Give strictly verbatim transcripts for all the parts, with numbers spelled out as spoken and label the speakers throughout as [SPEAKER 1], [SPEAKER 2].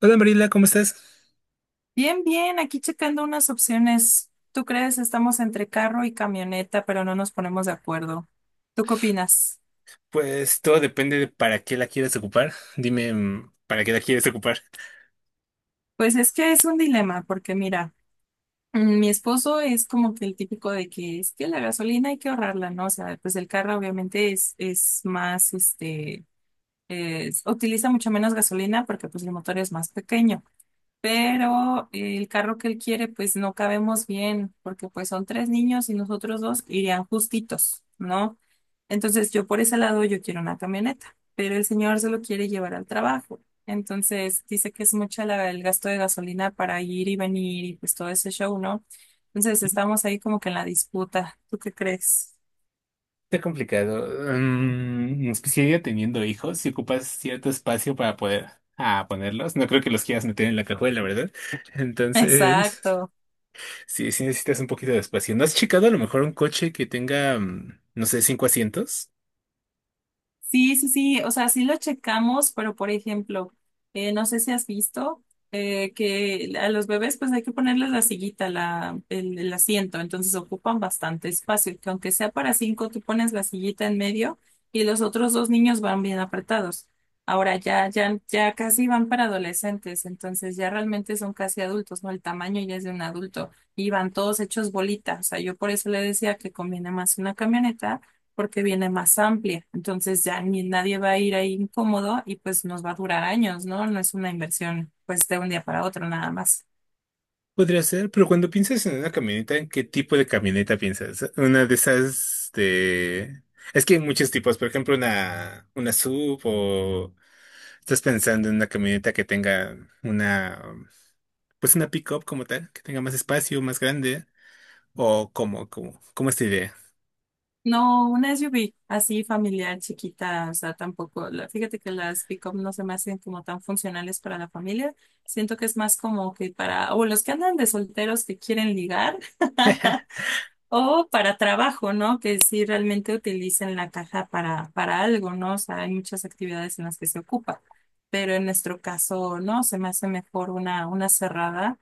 [SPEAKER 1] Hola Marila, ¿cómo estás?
[SPEAKER 2] Bien, bien, aquí checando unas opciones. ¿Tú crees? Estamos entre carro y camioneta, pero no nos ponemos de acuerdo. ¿Tú qué opinas?
[SPEAKER 1] Pues todo depende de para qué la quieres ocupar. Dime, mm, ¿para qué la quieres ocupar?
[SPEAKER 2] Pues es que es un dilema, porque mira, mm, mi esposo es como que el típico de que es que la gasolina hay que ahorrarla, ¿no? O sea, pues el carro obviamente es, es más, este, es- utiliza mucho menos gasolina porque pues el motor es más pequeño. Pero el carro que él quiere, pues no cabemos bien, porque pues son tres niños y nosotros dos irían justitos, ¿no? Entonces yo por ese lado yo quiero una camioneta, pero el señor se lo quiere llevar al trabajo. Entonces dice que es mucha la- el gasto de gasolina para ir y venir y pues todo ese show, ¿no? Entonces estamos ahí como que en la disputa. ¿Tú qué crees?
[SPEAKER 1] Está complicado. Mm, especialmente teniendo hijos, si ocupas cierto espacio para poder ah, ponerlos, no creo que los quieras meter en la cajuela, ¿verdad? Entonces,
[SPEAKER 2] Exacto.
[SPEAKER 1] sí, sí necesitas un poquito de espacio. ¿No has checado a lo mejor un coche que tenga, mm, no sé, cinco asientos?
[SPEAKER 2] Sí, sí, sí, o sea, sí lo checamos, pero por ejemplo, eh, no sé si has visto eh, que a los bebés pues hay que ponerles la sillita, la, el, el asiento, entonces ocupan bastante espacio, que aunque sea para cinco, tú pones la sillita en medio y los otros dos niños van bien apretados. Ahora ya, ya, ya casi van para adolescentes, entonces ya realmente son casi adultos, ¿no? El tamaño ya es de un adulto y van todos hechos bolitas, o sea, yo por eso le decía que conviene más una camioneta porque viene más amplia. Entonces ya ni nadie va a ir ahí incómodo y pues nos va a durar años, ¿no? No es una inversión pues de un día para otro nada más.
[SPEAKER 1] Podría ser, pero cuando piensas en una camioneta, ¿en qué tipo de camioneta piensas? Una de esas de… Es que hay muchos tipos, por ejemplo, una, una S U V o estás pensando en una camioneta que tenga una, pues una pick-up como tal, que tenga más espacio, más grande, o como, como, como esta idea.
[SPEAKER 2] No, una S U V así familiar, chiquita, o sea, tampoco, la- fíjate que las pick up no se me hacen como tan funcionales para la familia. Siento que es más como que para, o los que andan de solteros que quieren ligar. O para trabajo, ¿no? Que si realmente utilicen la caja para, para algo, ¿no? O sea, hay muchas actividades en las que se ocupa, pero en nuestro caso, no, se me hace mejor una, una cerrada,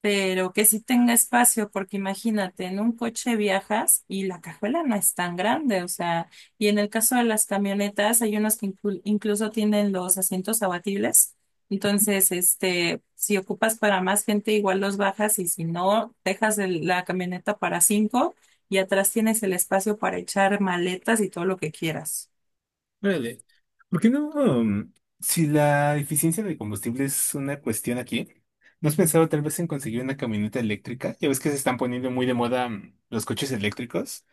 [SPEAKER 2] pero que sí tenga espacio, porque imagínate, en un coche viajas y la cajuela no es tan grande, o sea, y en el caso de las camionetas, hay unos que inclu- incluso tienen los asientos abatibles. Entonces, este, si ocupas para más gente, igual los bajas y si no, dejas el- la camioneta para cinco y atrás tienes el espacio para echar maletas y todo lo que quieras.
[SPEAKER 1] Órale. ¿Por qué no? Um, si la eficiencia de combustible es una cuestión aquí, ¿no has pensado tal vez en conseguir una camioneta eléctrica? Ya ves que se están poniendo muy de moda mm, los coches eléctricos.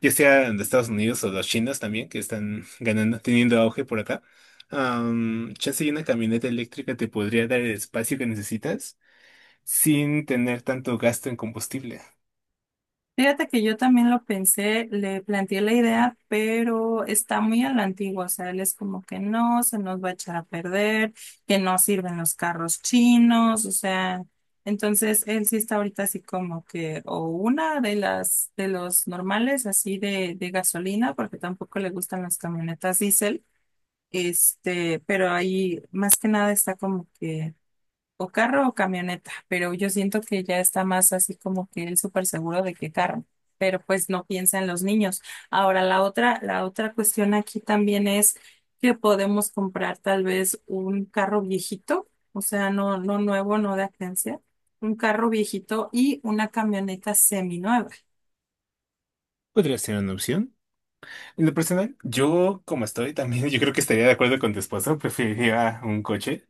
[SPEAKER 1] Ya sea de Estados Unidos o los chinos también, que están ganando, teniendo auge por acá. Am, chance y una camioneta eléctrica te podría dar el espacio que necesitas sin tener tanto gasto en combustible.
[SPEAKER 2] Fíjate que yo también lo pensé, le planteé la idea, pero está muy a la antigua, o sea, él es como que no, se nos va a echar a perder, que no sirven los carros chinos, o sea, entonces él sí está ahorita así como que, o una de las, de los normales así de, de gasolina, porque tampoco le gustan las camionetas diésel, este, pero ahí más que nada está como que o carro o camioneta, pero yo siento que ya está más así como que él súper seguro de que carro, pero pues no piensa en los niños. Ahora, la otra, la otra cuestión aquí también es que podemos comprar tal vez un carro viejito, o sea, no, no nuevo, no de agencia, un carro viejito y una camioneta seminueva.
[SPEAKER 1] Podría ser una opción. En lo personal, yo como estoy también, yo creo que estaría de acuerdo con tu esposo, preferiría un coche.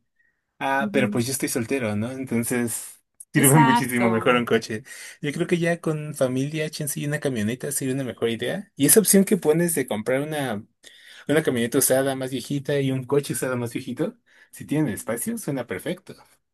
[SPEAKER 1] Ah, pero
[SPEAKER 2] Ujú.
[SPEAKER 1] pues yo estoy soltero, ¿no? Entonces sirve muchísimo mejor un
[SPEAKER 2] Exacto.
[SPEAKER 1] coche. Yo creo que ya con familia, chance y una camioneta sería una mejor idea. Y esa opción que pones de comprar una, una camioneta usada más viejita y un coche usado más viejito, si tienen espacio, suena perfecto.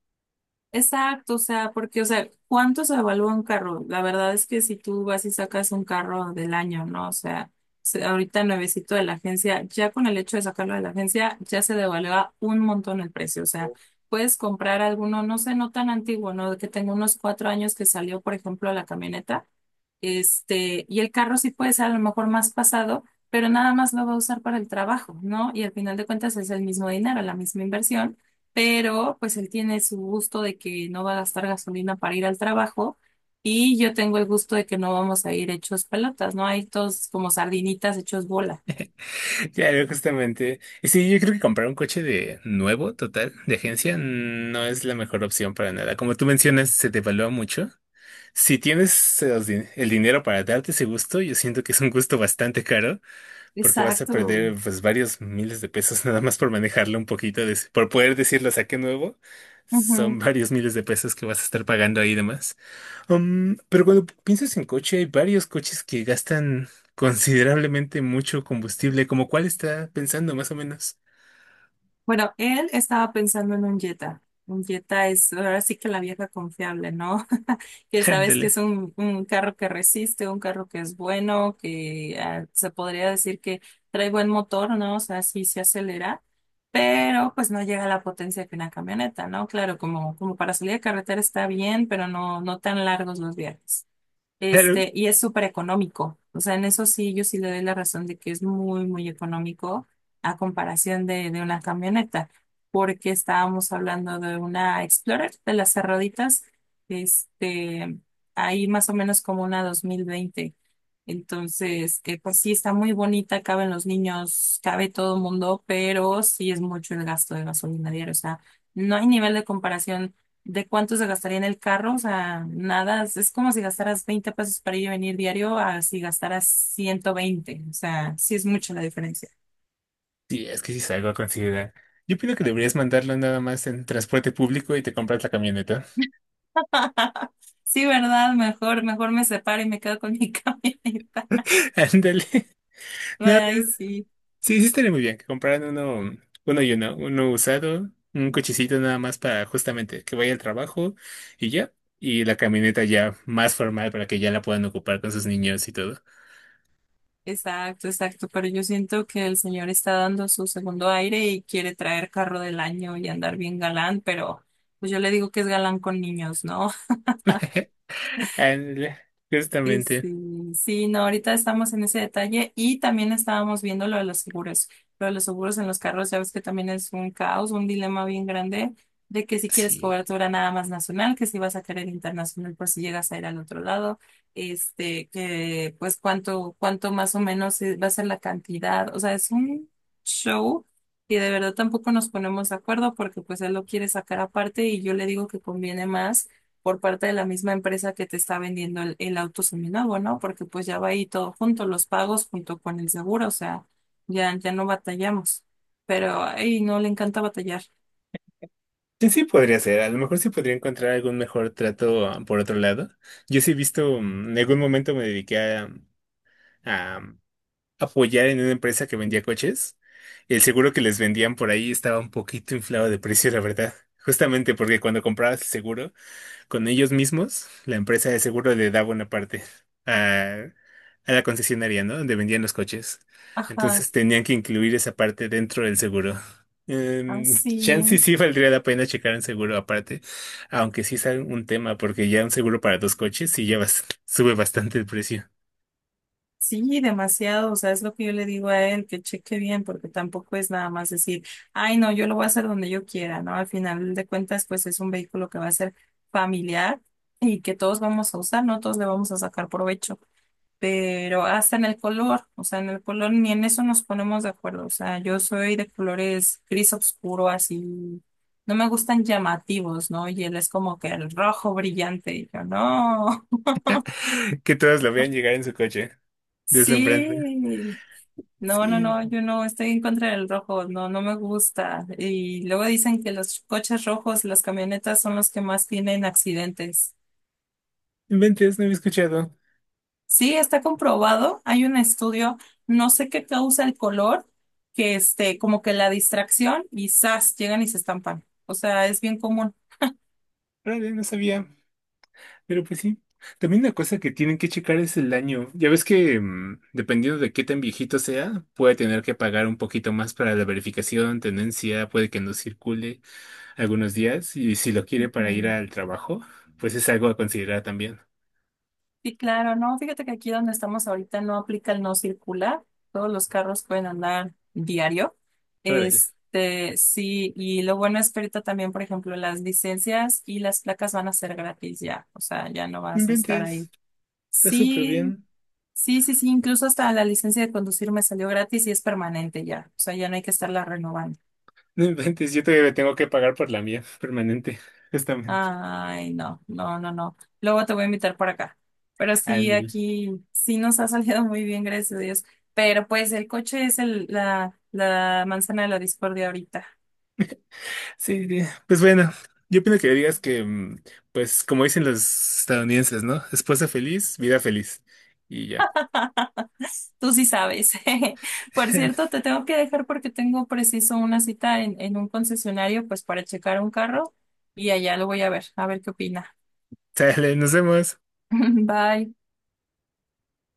[SPEAKER 2] Exacto, o sea, porque, o sea, ¿cuánto se evalúa un carro? La verdad es que si tú vas y sacas un carro del año, ¿no? O sea, se- ahorita nuevecito de la agencia, ya con el hecho de sacarlo de la agencia, ya se devalúa un montón el precio. O sea, puedes comprar alguno, no sé, no tan antiguo, ¿no? Que tenga unos cuatro años que salió, por ejemplo, la camioneta. Este, y el carro sí puede ser a lo mejor más pasado, pero nada más lo va a usar para el trabajo, ¿no? Y al final de cuentas es el mismo dinero, la misma inversión, pero pues él tiene su gusto de que no va a gastar gasolina para ir al trabajo y yo tengo el gusto de que no vamos a ir hechos pelotas, ¿no? Hay todos como sardinitas hechos bola.
[SPEAKER 1] Claro, justamente. Y sí, yo creo que comprar un coche de nuevo, total, de agencia, no es la mejor opción para nada. Como tú mencionas, se devalúa mucho. Si tienes los din- el dinero para darte ese gusto, yo siento que es un gusto bastante caro. Porque vas a
[SPEAKER 2] Exacto.
[SPEAKER 1] perder pues varios miles de pesos nada más por manejarlo un poquito, de- por poder decirlo saque nuevo. Son
[SPEAKER 2] Ujú.
[SPEAKER 1] varios miles de pesos que vas a estar pagando ahí de más. Um, pero cuando piensas en coche, hay varios coches que gastan considerablemente mucho combustible. ¿Como cuál está pensando más o menos?
[SPEAKER 2] Bueno, él estaba pensando en un Jetta. Un Jetta es ahora sí que la vieja confiable, ¿no? Que sabes que
[SPEAKER 1] Ándale.
[SPEAKER 2] es un, un carro que resiste, un carro que es bueno, que ah, se podría decir que trae buen motor, ¿no? O sea, sí se acelera, pero pues no llega a la potencia que una camioneta, ¿no? Claro, como, como para salir de carretera está bien, pero no, no tan largos los viajes.
[SPEAKER 1] Claro.
[SPEAKER 2] Este, y es súper económico. O sea, en eso sí, yo sí le doy la razón de que es muy, muy económico a comparación de, de una camioneta, porque estábamos hablando de una Explorer de las cerraditas, este, ahí más o menos como una dos mil veinte. Entonces, que pues sí está muy bonita, caben los niños, cabe todo el mundo, pero sí es mucho el gasto de gasolina diaria. O sea, no hay nivel de comparación. ¿De cuánto se gastaría en el carro? O sea, nada, es es como si gastaras veinte pesos para ir y venir diario a si gastaras ciento veinte. O sea, sí es mucho la diferencia.
[SPEAKER 1] Sí, es que sí es algo a considerar. Yo opino que deberías mandarlo nada más en transporte público y te compras la camioneta.
[SPEAKER 2] Sí, ¿verdad? Mejor, mejor me separo y me quedo con mi camioneta.
[SPEAKER 1] Ándale. No,
[SPEAKER 2] Ay, sí,
[SPEAKER 1] sí, sí estaría muy bien que compraran uno, uno y uno, uno usado, un cochecito nada más para justamente que vaya al trabajo y ya, y la camioneta ya más formal para que ya la puedan ocupar con sus niños y todo.
[SPEAKER 2] exacto, exacto. Pero yo siento que el señor está dando su segundo aire y quiere traer carro del año y andar bien galán, pero pues yo le digo que es galán con niños, ¿no?
[SPEAKER 1] Ándale,
[SPEAKER 2] Sí,
[SPEAKER 1] justamente,
[SPEAKER 2] sí, sí, no, ahorita estamos en ese detalle y también estábamos viendo lo de los seguros. Lo de los seguros en los carros, ya ves que también es un caos, un dilema bien grande de que si quieres
[SPEAKER 1] sí.
[SPEAKER 2] cobertura nada más nacional, que si vas a querer internacional por si llegas a ir al otro lado, este, que pues cuánto, cuánto más o menos es- va a ser la cantidad. O sea, es un show y de verdad tampoco nos ponemos de acuerdo porque pues él lo quiere sacar aparte y yo le digo que conviene más por parte de la misma empresa que te está vendiendo el, el auto seminuevo, ¿no? Porque pues ya va ahí todo junto, los pagos junto con el seguro, o sea, ya, ya no batallamos. Pero, ay, no, le encanta batallar.
[SPEAKER 1] Sí, sí podría ser, a lo mejor sí podría encontrar algún mejor trato ah, por otro lado. Yo sí he visto, mm, en algún momento me dediqué a, apoyar en una empresa que vendía coches. El seguro que les vendían por ahí estaba un poquito inflado de precio, la verdad. Justamente porque cuando comprabas el seguro con ellos mismos, la empresa de seguro le daba una parte a, a la concesionaria, ¿no? Donde vendían los coches.
[SPEAKER 2] Ajá,
[SPEAKER 1] Entonces tenían que incluir esa parte dentro del seguro.
[SPEAKER 2] ay,
[SPEAKER 1] Em, chance y
[SPEAKER 2] sí,
[SPEAKER 1] sí valdría la pena checar un seguro aparte, aunque sí es un tema, porque ya un seguro para dos coches sí ya bas- sube bastante el precio.
[SPEAKER 2] sí, demasiado, o sea, es lo que yo le digo a él, que cheque bien, porque tampoco es nada más decir, ay, no, yo lo voy a hacer donde yo quiera, ¿no? Al final de cuentas, pues es un vehículo que va a ser familiar y que todos vamos a usar, ¿no? Todos le vamos a sacar provecho. Pero hasta en el color, o sea, en el color ni en eso nos ponemos de acuerdo, o sea, yo soy de colores gris oscuro, así, no me gustan llamativos, ¿no? Y él es como que el rojo brillante, y yo, no,
[SPEAKER 1] Que todos lo vean llegar en su coche. Deslumbrante.
[SPEAKER 2] sí, no, no,
[SPEAKER 1] Sí
[SPEAKER 2] no, yo no estoy en contra del rojo, no, no me gusta. Y luego dicen que los coches rojos, las camionetas son los que más tienen accidentes.
[SPEAKER 1] inventes, no había escuchado.
[SPEAKER 2] Sí, está comprobado. Hay un estudio, no sé qué causa el color, que este, como que la distracción y zas, llegan y se estampan. O sea, es bien común.
[SPEAKER 1] Vale, no sabía, pero pues sí. También una cosa que tienen que checar es el daño. Ya ves que, mm, dependiendo de qué tan viejito sea, puede tener que pagar un poquito más para la verificación, tenencia, puede que no circule algunos días. Y si lo quiere para ir
[SPEAKER 2] Mm.
[SPEAKER 1] al trabajo, pues es algo a considerar también.
[SPEAKER 2] Sí, claro, no, fíjate que aquí donde estamos ahorita no aplica el no circular. Todos los carros pueden andar diario.
[SPEAKER 1] Órale.
[SPEAKER 2] Este, sí, y lo bueno es que ahorita también, por ejemplo, las licencias y las placas van a ser gratis ya. O sea, ya no
[SPEAKER 1] No
[SPEAKER 2] vas a estar
[SPEAKER 1] inventes,
[SPEAKER 2] ahí.
[SPEAKER 1] está súper
[SPEAKER 2] Sí,
[SPEAKER 1] bien.
[SPEAKER 2] sí, sí, sí, incluso hasta la licencia de conducir me salió gratis y es permanente ya. O sea, ya no hay que estarla renovando.
[SPEAKER 1] No inventes, yo todavía tengo que pagar por la mía, permanente, justamente.
[SPEAKER 2] Ay, no, no, no, no. Luego te voy a invitar por acá. Pero sí,
[SPEAKER 1] Ándale.
[SPEAKER 2] aquí sí nos ha salido muy bien, gracias a Dios. Pero pues el coche es el, la, la manzana de la discordia ahorita.
[SPEAKER 1] Sí, sí. Pues bueno, yo opino que digas que, mm, pues como dicen los estadounidenses, ¿no? Esposa feliz, vida feliz. Y ya.
[SPEAKER 2] Tú sí sabes. Por cierto, te tengo que dejar porque tengo preciso una cita en, en un concesionario, pues para checar un carro y allá lo voy a ver, a ver qué opina.
[SPEAKER 1] Sale, nos vemos.
[SPEAKER 2] Bye.